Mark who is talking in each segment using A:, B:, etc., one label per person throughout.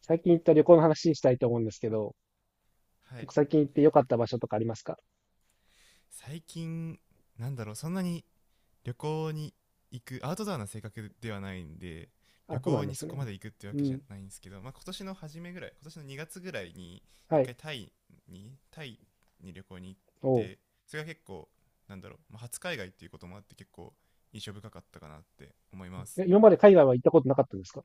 A: 最近行った旅行の話したいと思うんですけど、
B: はい。
A: 最近行って良かった場所とかありますか？
B: 最近そんなに旅行に行くアウトドアな性格ではないんで、旅
A: あ、そうな
B: 行
A: んで
B: に
A: す
B: そ
A: ね。
B: こまで行くってわ
A: う
B: けじゃ
A: ん。
B: ないんですけど、まあ、今年の2月ぐらいに一
A: はい。
B: 回タイに旅行に行っ
A: おう。
B: て、それが結構まあ、初海外っていうこともあって結構印象深かったかなって思います。
A: え、今まで海外は行ったことなかったんですか？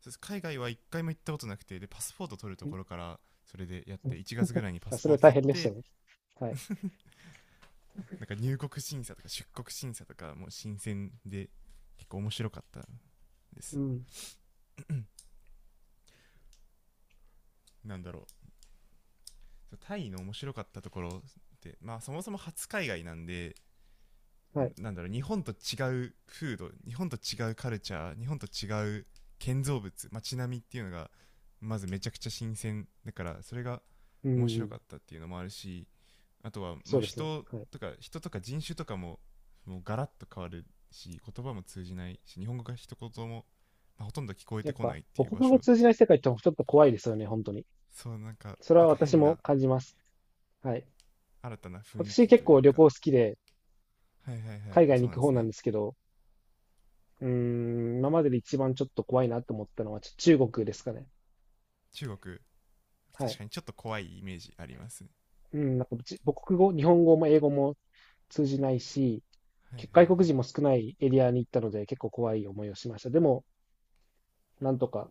B: そうです、海外は一回も行ったことなくて、でパスポート取るところか
A: ん、
B: ら、それでやっ
A: う
B: て
A: ん。
B: 1月ぐらいにパ
A: あ、
B: ス
A: それ
B: ポー
A: は
B: ト
A: 大
B: 取
A: 変
B: っ
A: でした
B: て、
A: ね。はい。
B: なんか入国審査とか出国審査とかもう新鮮で結構面白かったで
A: う
B: す。
A: ん。
B: なんだろタイの面白かったところって、まあそもそも初海外なんで、
A: はい。
B: 日本と違う風土、日本と違うカルチャー、日本と違う建造物、街並みっていうのがまずめちゃくちゃ新鮮だから、それが
A: う
B: 面
A: ん、う
B: 白か
A: ん。
B: ったっていうのもあるし、あとは
A: そ
B: ま
A: う
B: あ
A: ですね。はい。
B: 人とか人種とかももうガラッと変わるし、言葉も通じないし、日本語が一言も、まあ、ほとんど聞こえ
A: や
B: て
A: っ
B: こな
A: ぱ、
B: いっていう
A: 母
B: 場
A: 国語
B: 所。
A: 通じない世界ってちょっと怖いですよね、本当に。
B: そう、
A: それ
B: なん
A: は
B: か
A: 私
B: 変
A: も
B: な
A: 感じます。はい。
B: 新たな雰囲
A: 私
B: 気と
A: 結
B: い
A: 構
B: う
A: 旅行
B: か。
A: 好きで、
B: はいはいはい。
A: 海
B: あ、
A: 外
B: そ
A: に
B: うなん
A: 行く
B: で
A: 方
B: す
A: なん
B: ね。
A: ですけど、今までで一番ちょっと怖いなと思ったのは中国ですかね。
B: 中国、確
A: はい。
B: かにちょっと怖いイメージあります。
A: うん、なんかじ母国語、日本語も英語も通じないし、
B: はいはいは
A: 外国
B: い。
A: 人も少ないエリアに行ったので結構怖い思いをしました。でも、なんとか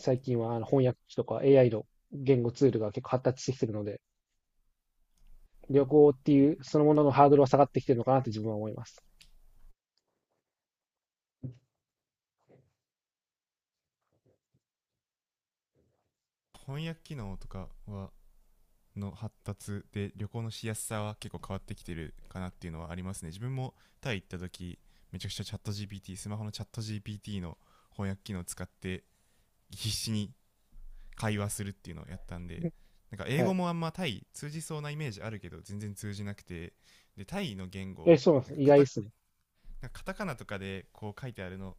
A: 最近は翻訳機とか AI の言語ツールが結構発達してきてるので、旅行っていうそのもののハードルは下がってきてるのかなって自分は思います。
B: 翻訳機能とかはの発達で旅行のしやすさは結構変わってきてるかなっていうのはありますね、自分も。タイ行った時めちゃくちゃチャット GPT スマホのチャット GPT の翻訳機能を使って必死に会話するっていうのをやったんで。なんか英
A: は
B: 語
A: い。
B: もあんまタイ通じそうなイメージあるけど全然通じなくて、でタイの言
A: え、
B: 語、
A: そうなんで
B: なん
A: す
B: か
A: ね。意
B: カ
A: 外で
B: タ
A: すね。
B: なんかカタカナとかでこう書いてあるのを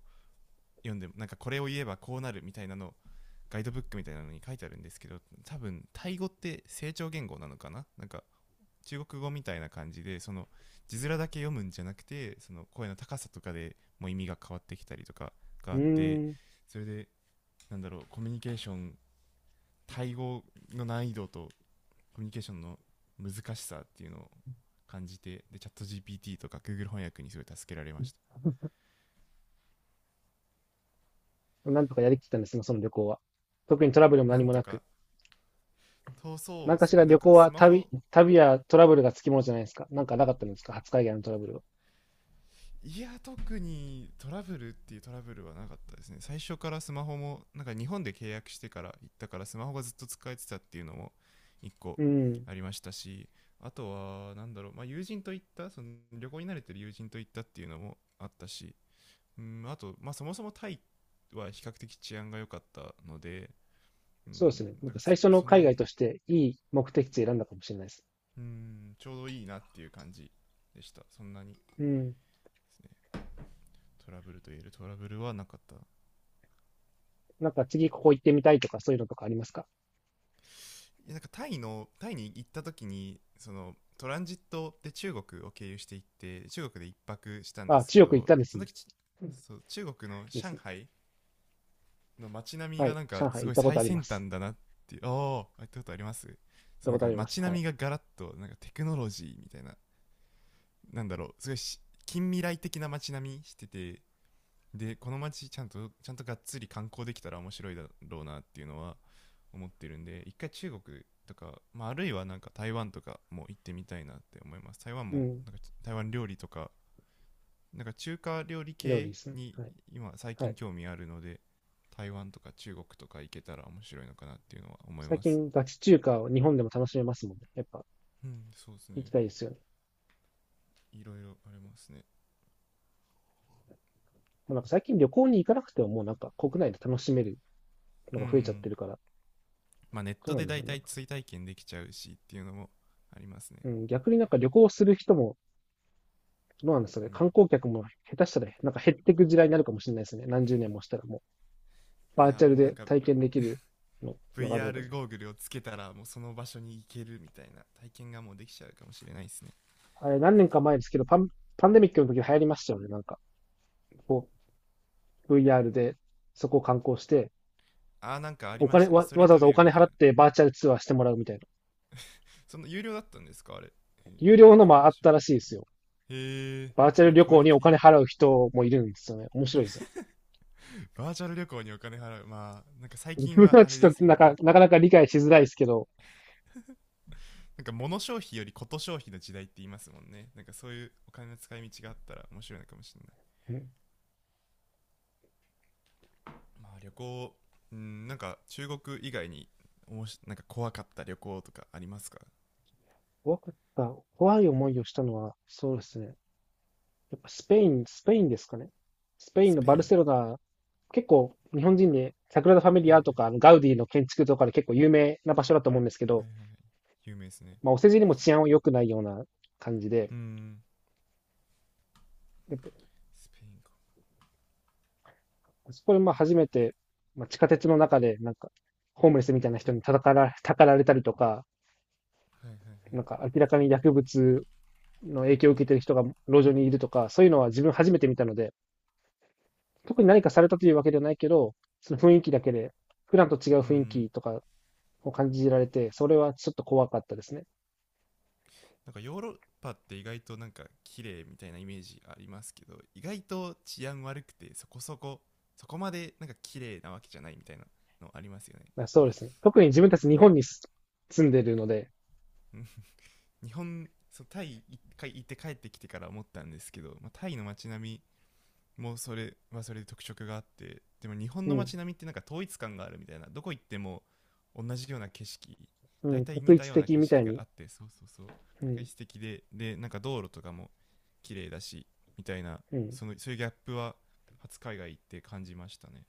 B: 読んでも、なんかこれを言えばこうなるみたいなのガイドブックみたいなのに書いてあるんですけど、多分タイ語って成長言語なのかな、なんか中国語みたいな感じで、その字面だけ読むんじゃなくて、その声の高さとかでもう意味が変わってきたりとかがあ
A: う
B: って、
A: ーん。
B: それでコミュニケーションタイ語の難易度とコミュニケーションの難しさっていうのを感じて、でチャット GPT とか Google 翻訳にすごい助けられました。
A: なんとかやりきったんですね、その旅行は。特にトラブルも
B: な
A: 何
B: ん
A: も
B: と
A: なく。
B: か、そうそ
A: な
B: う
A: ん
B: で
A: か
B: す
A: しら
B: ね、なん
A: 旅
B: か
A: 行
B: ス
A: は
B: マホ、
A: 旅やトラブルがつきものじゃないですか。なんかなかったんですか、初海外のトラブルは？
B: いや特にトラブルっていうトラブルはなかったですね。最初からスマホもなんか日本で契約してから行ったから、スマホがずっと使えてたっていうのも1個
A: うん。
B: ありましたし、あとはなんだろう、まあ、友人と行ったその旅行に慣れてる友人と行ったっていうのもあったし、うんあと、まあ、そもそもタイは比較的治安が良かったので、う
A: そうです
B: ん、
A: ね。なん
B: なん
A: か
B: か
A: 最初の
B: そん
A: 海
B: な
A: 外
B: に、
A: としていい目的地選んだかもしれないです。
B: うん、ちょうどいいなっていう感じでした。そんなにで
A: うん。
B: すね、トラブルと言えるトラブルはなかった。
A: なんか次ここ行ってみたいとかそういうのとかありますか？
B: いや、なんかタイに行った時にそのトランジットで中国を経由していって、中国で一泊したんで
A: あ、
B: すけ
A: 中国行っ
B: ど、
A: たんで
B: そ
A: すね。
B: の時
A: うん、いい
B: そう中国の
A: です
B: 上
A: ね。
B: 海の街並み
A: は
B: が
A: い。
B: なんか
A: 上海
B: す
A: 行
B: ご
A: っ
B: い
A: たこと
B: 最
A: ありま
B: 先
A: す。
B: 端だなって、ああ行ったことあります。
A: 行った
B: そう、なん
A: ことあ
B: か
A: ります。
B: 街
A: は
B: 並
A: い。
B: みがガラッとなんかテクノロジーみたいな、なんだろう、すごいし近未来的な街並みしてて、でこの街ちゃんとがっつり観光できたら面白いだろうなっていうのは思ってるんで、一回中国とか、まあ、あるいはなんか台湾とかも行ってみたいなって思います。台湾
A: う
B: も
A: ん。
B: なんか台湾料理とかなんか中華料理
A: 料理
B: 系
A: ですね。
B: に
A: はい。
B: 今最
A: は
B: 近
A: い。
B: 興味あるので、台湾とか中国とか行けたら面白いのかなっていうのは思い
A: 最
B: ます。
A: 近ガチ中華を日本でも楽しめますもんね。やっぱ
B: うん、そうです
A: 行き
B: ね、
A: たいですよね。
B: いろいろありますね。
A: まあ、なんか最近旅行に行かなくてももうなんか国内で楽しめるの
B: う
A: が増えちゃっ
B: ん、
A: てるから、
B: まあネッ
A: そう
B: ト
A: なん
B: で
A: です
B: だ
A: よ、
B: い
A: ね。
B: た
A: なん
B: い
A: か、
B: 追体験できちゃうしっていうのもありますね。
A: うん、逆になんか旅行する人もどうなんですか
B: う
A: ね。
B: ん、
A: 観光客も下手したら、なんか減っていく時代になるかもしれないですね。何十年もしたらもう、
B: い
A: バ
B: や
A: ー
B: ー
A: チャル
B: もうなん
A: で
B: か
A: 体験できるののがあるので。
B: VR ゴーグルをつけたらもうその場所に行けるみたいな体験がもうできちゃうかもしれないですね。
A: あれ、何年か前ですけど、パンデミックの時流行りましたよね。なんか、こう、VR で、そこを観光して、
B: あー、なんかあり
A: お
B: まし
A: 金、
B: たね
A: わ、
B: ストリ
A: わ
B: ー
A: ざわ
B: ト
A: ざお
B: ビュー
A: 金
B: みたい
A: 払っ
B: な。
A: てバーチャルツアーしてもらうみたいな。
B: その有料だったんですかあれ、えーなん
A: 有料の
B: か
A: もあっ
B: 話を
A: たら
B: 聞い
A: し
B: た
A: いで
B: こと、
A: すよ。
B: へえ、
A: バーチャ
B: そん
A: ル
B: な
A: 旅
B: クオ
A: 行
B: リ
A: にお
B: ティ。
A: 金払う人もいるんですよね。面白いですよ。
B: バーチャル旅行にお金払う、まあなんか最
A: 自
B: 近
A: 分
B: は
A: は
B: あれ
A: ち
B: で
A: ょっと
B: すもんね。
A: なかなか理解しづらいですけど、
B: なんか物消費よりこと消費の時代って言いますもんね。なんかそういうお金の使い道があったら面白いのかもしれない。まあ旅行。うん、なんか中国以外におもしなんか怖かった旅行とかありますか？
A: 怖かった。怖い思いをしたのは、そうですね。やっぱスペイン、スペインですかね。スペイン
B: ス
A: の
B: ペ
A: バ
B: イ
A: ル
B: ン。
A: セロナ、結構日本人で、サグラダ・ファミ
B: は
A: リ
B: いは
A: ア
B: い
A: とか、あ
B: は
A: のガウディの建築とかで結構有名な場所だと思うんですけ
B: い
A: ど、
B: はいはい、有名ですね。
A: まあ、お世辞にも治安は良くないような感じで、
B: うん、
A: やっぱ
B: スペインか。
A: そこでまあ初めて、まあ、地下鉄の中で、なんか、ホームレスみたいな人に叩から、たかられたりとか、
B: はいはい。
A: なんか明らかに薬物の影響を受けている人が路上にいるとか、そういうのは自分初めて見たので、特に何かされたというわけではないけど、その雰囲気だけで、普段と違う
B: う
A: 雰囲気
B: ん、
A: とかを感じられて、それはちょっと怖かったですね。
B: なんかヨーロッパって意外となんか綺麗みたいなイメージありますけど、意外と治安悪くてそこまでなんか綺麗なわけじゃないみたいなのありますよね。
A: そうですね。特に自分たち
B: な
A: 日
B: んか
A: 本に住んでるので、
B: 日本、そうタイ一回行って帰ってきてから思ったんですけど、まあ、タイの街並みもうそれはそれで特色があって、でも日本
A: う
B: の
A: ん、
B: 街並みってなんか統一感があるみたいな、どこ行っても同じような景色
A: う
B: 大
A: ん、
B: 体
A: 特
B: 似た
A: 一
B: ような
A: 的
B: 景
A: みた
B: 色
A: い
B: が
A: に、
B: あって、そうそうそう
A: う
B: 確実
A: ん、
B: 的で、でなんか道路とかも綺麗だしみたいな、
A: うん。
B: そのそういうギャップは初海外行って感じましたね。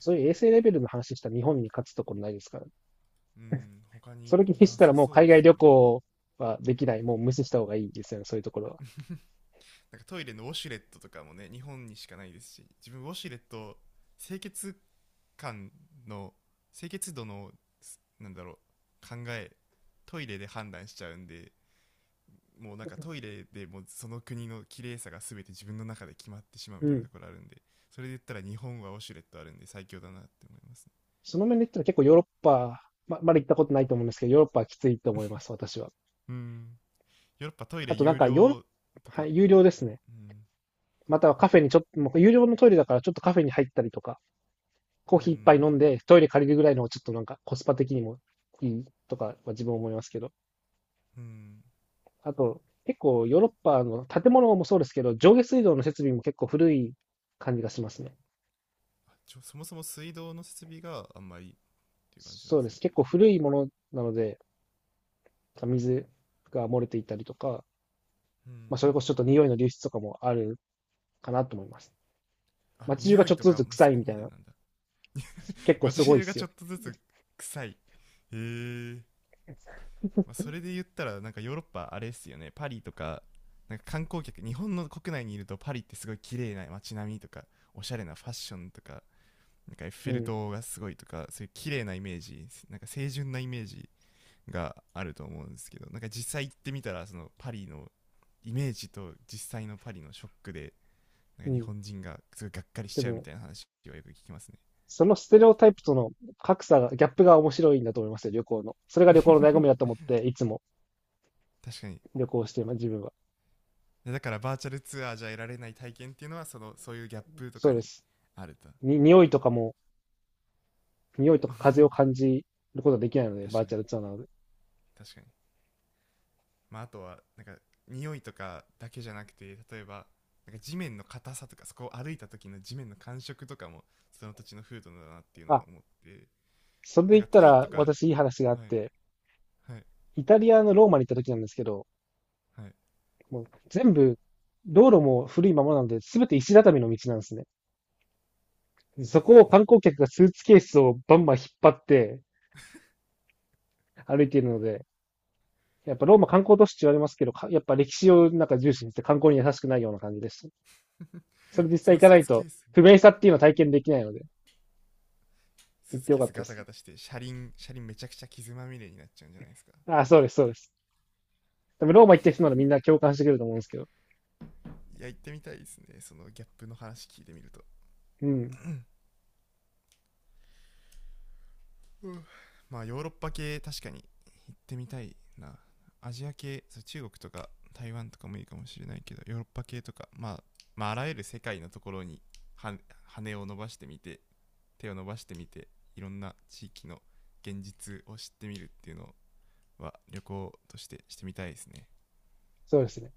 A: そういう衛生レベルの話したら日本に勝つところないですから。
B: うん、他
A: そ
B: に
A: れ気にし
B: な
A: たら
B: さ
A: もう
B: そう
A: 海
B: で
A: 外
B: す
A: 旅
B: ね。
A: 行はできない。もう無視した方がいいですよね、そういうところは。
B: なんかトイレのウォシュレットとかもね日本にしかないですし、自分ウォシュレット清潔感の清潔度のなんだろう考えトイレで判断しちゃうんで、もうなんかトイレでもうその国の綺麗さが全て自分の中で決まってしまう
A: う
B: みたいな
A: ん。
B: ところあるんで、それで言ったら日本はウォシュレットあるんで最強だなって思いますね。
A: その面で言ったら結構ヨーロッパ、まだ行ったことないと思うんですけど、ヨーロッパはきついと思います、私は。
B: うん、ヨーロッパトイレ
A: あとなん
B: 有
A: かヨーロッ
B: 料と
A: パ、
B: か。
A: はい、有料ですね。
B: うん
A: またはカフェにちょっと、もう有料のトイレだからちょっとカフェに入ったりとか、コー
B: う
A: ヒー一杯飲
B: ん
A: んでトイレ借りるぐらいのちょっとなんかコスパ的にもいいとかは自分は思いますけど。
B: うん。
A: あと、結構ヨーロッパの建物もそうですけど、上下水道の設備も結構古い感じがしますね。
B: ちょ、そもそも水道の設備があんまりっていう感じなん
A: そ
B: で
A: う
B: す
A: で
B: ね。
A: す。結構古いものなので、水が漏れていたりとか、
B: う
A: まあ、
B: ん、
A: それこそちょっと匂いの流出とかもあるかなと思います。
B: あ、
A: 街中が
B: 匂
A: ち
B: い
A: ょっ
B: と
A: と
B: か
A: ずつ
B: もそ
A: 臭い
B: こ
A: みた
B: ま
A: い
B: で
A: な、
B: なんだ、
A: 結構す
B: 街
A: ごいっ
B: 中が
A: す
B: ち
A: よ。
B: ょっとずつ臭い、へー。まあ、それで言ったらなんかヨーロッパあれですよねパリとか、なんか観光客日本の国内にいるとパリってすごい綺麗な街並みとか、おしゃれなファッションとか、なんかエッフ
A: う
B: ェル
A: ん、
B: 塔がすごいとかそういう綺麗なイメージ、なんか清純なイメージがあると思うんですけど、なんか実際行ってみたらそのパリのイメージと実際のパリのショックで、なん
A: う
B: か日
A: ん。
B: 本人がすごいがっかりし
A: で
B: ちゃうみ
A: も、
B: たいな話はよく聞きますね。
A: そのステレオタイプとの格差が、ギャップが面白いんだと思いますよ、旅行の。それが旅行の醍醐味だと思って、いつも
B: 確かに。
A: 旅行しています、自分は。
B: だからバーチャルツアーじゃ得られない体験っていうのはそのそういうギャップと
A: そ
B: か
A: うで
B: に
A: す。
B: あると。
A: に、匂いとかも、匂いとか風を感じることはできないので、
B: 確
A: バー
B: かに、
A: チャルツアーなので。
B: 確かに。まああとはなんか匂いとかだけじゃなくて、例えばなんか地面の硬さとかそこを歩いた時の地面の感触とかもその土地の風土だなっていうの
A: あ、
B: は思って、
A: それで
B: なん
A: 言っ
B: か
A: た
B: タイ
A: ら、
B: とか。はい
A: 私いい話があって、
B: はい
A: イタリアのローマに行った時なんですけど、
B: はい。
A: もう全部、道路も古いままなので、すべて石畳の道なんですね。そこを観光客がスーツケースをバンバン引っ張って歩いているので、やっぱローマ観光都市って言われますけど、やっぱ歴史をなんか重視にして観光に優しくないような感じです。それ実
B: そ
A: 際行
B: の
A: か
B: ス
A: な
B: ー
A: い
B: ツケ
A: と、
B: ース
A: 不便さっていうのは体験できないので、
B: ス
A: 行っ
B: ーツ
A: てよ
B: ケー
A: かっ
B: ス
A: たで
B: ガタ
A: す。
B: ガタして車輪めちゃくちゃ傷まみれになっちゃうんじゃないですか？
A: あ、そうです、そうです。多分ローマ行ってる人ならみんな共感してくれると思うんですけど。
B: いや行ってみたいですね、そのギャップの話聞いてみると、
A: うん、
B: うん、まあヨーロッパ系確かに行ってみたいな。アジア系、そう中国とか台湾とかもいいかもしれないけど、ヨーロッパ系とか、まあ、まああらゆる世界のところに羽を伸ばしてみて手を伸ばしてみていろんな地域の現実を知ってみるっていうのは旅行としてしてみたいですね。
A: そうですね。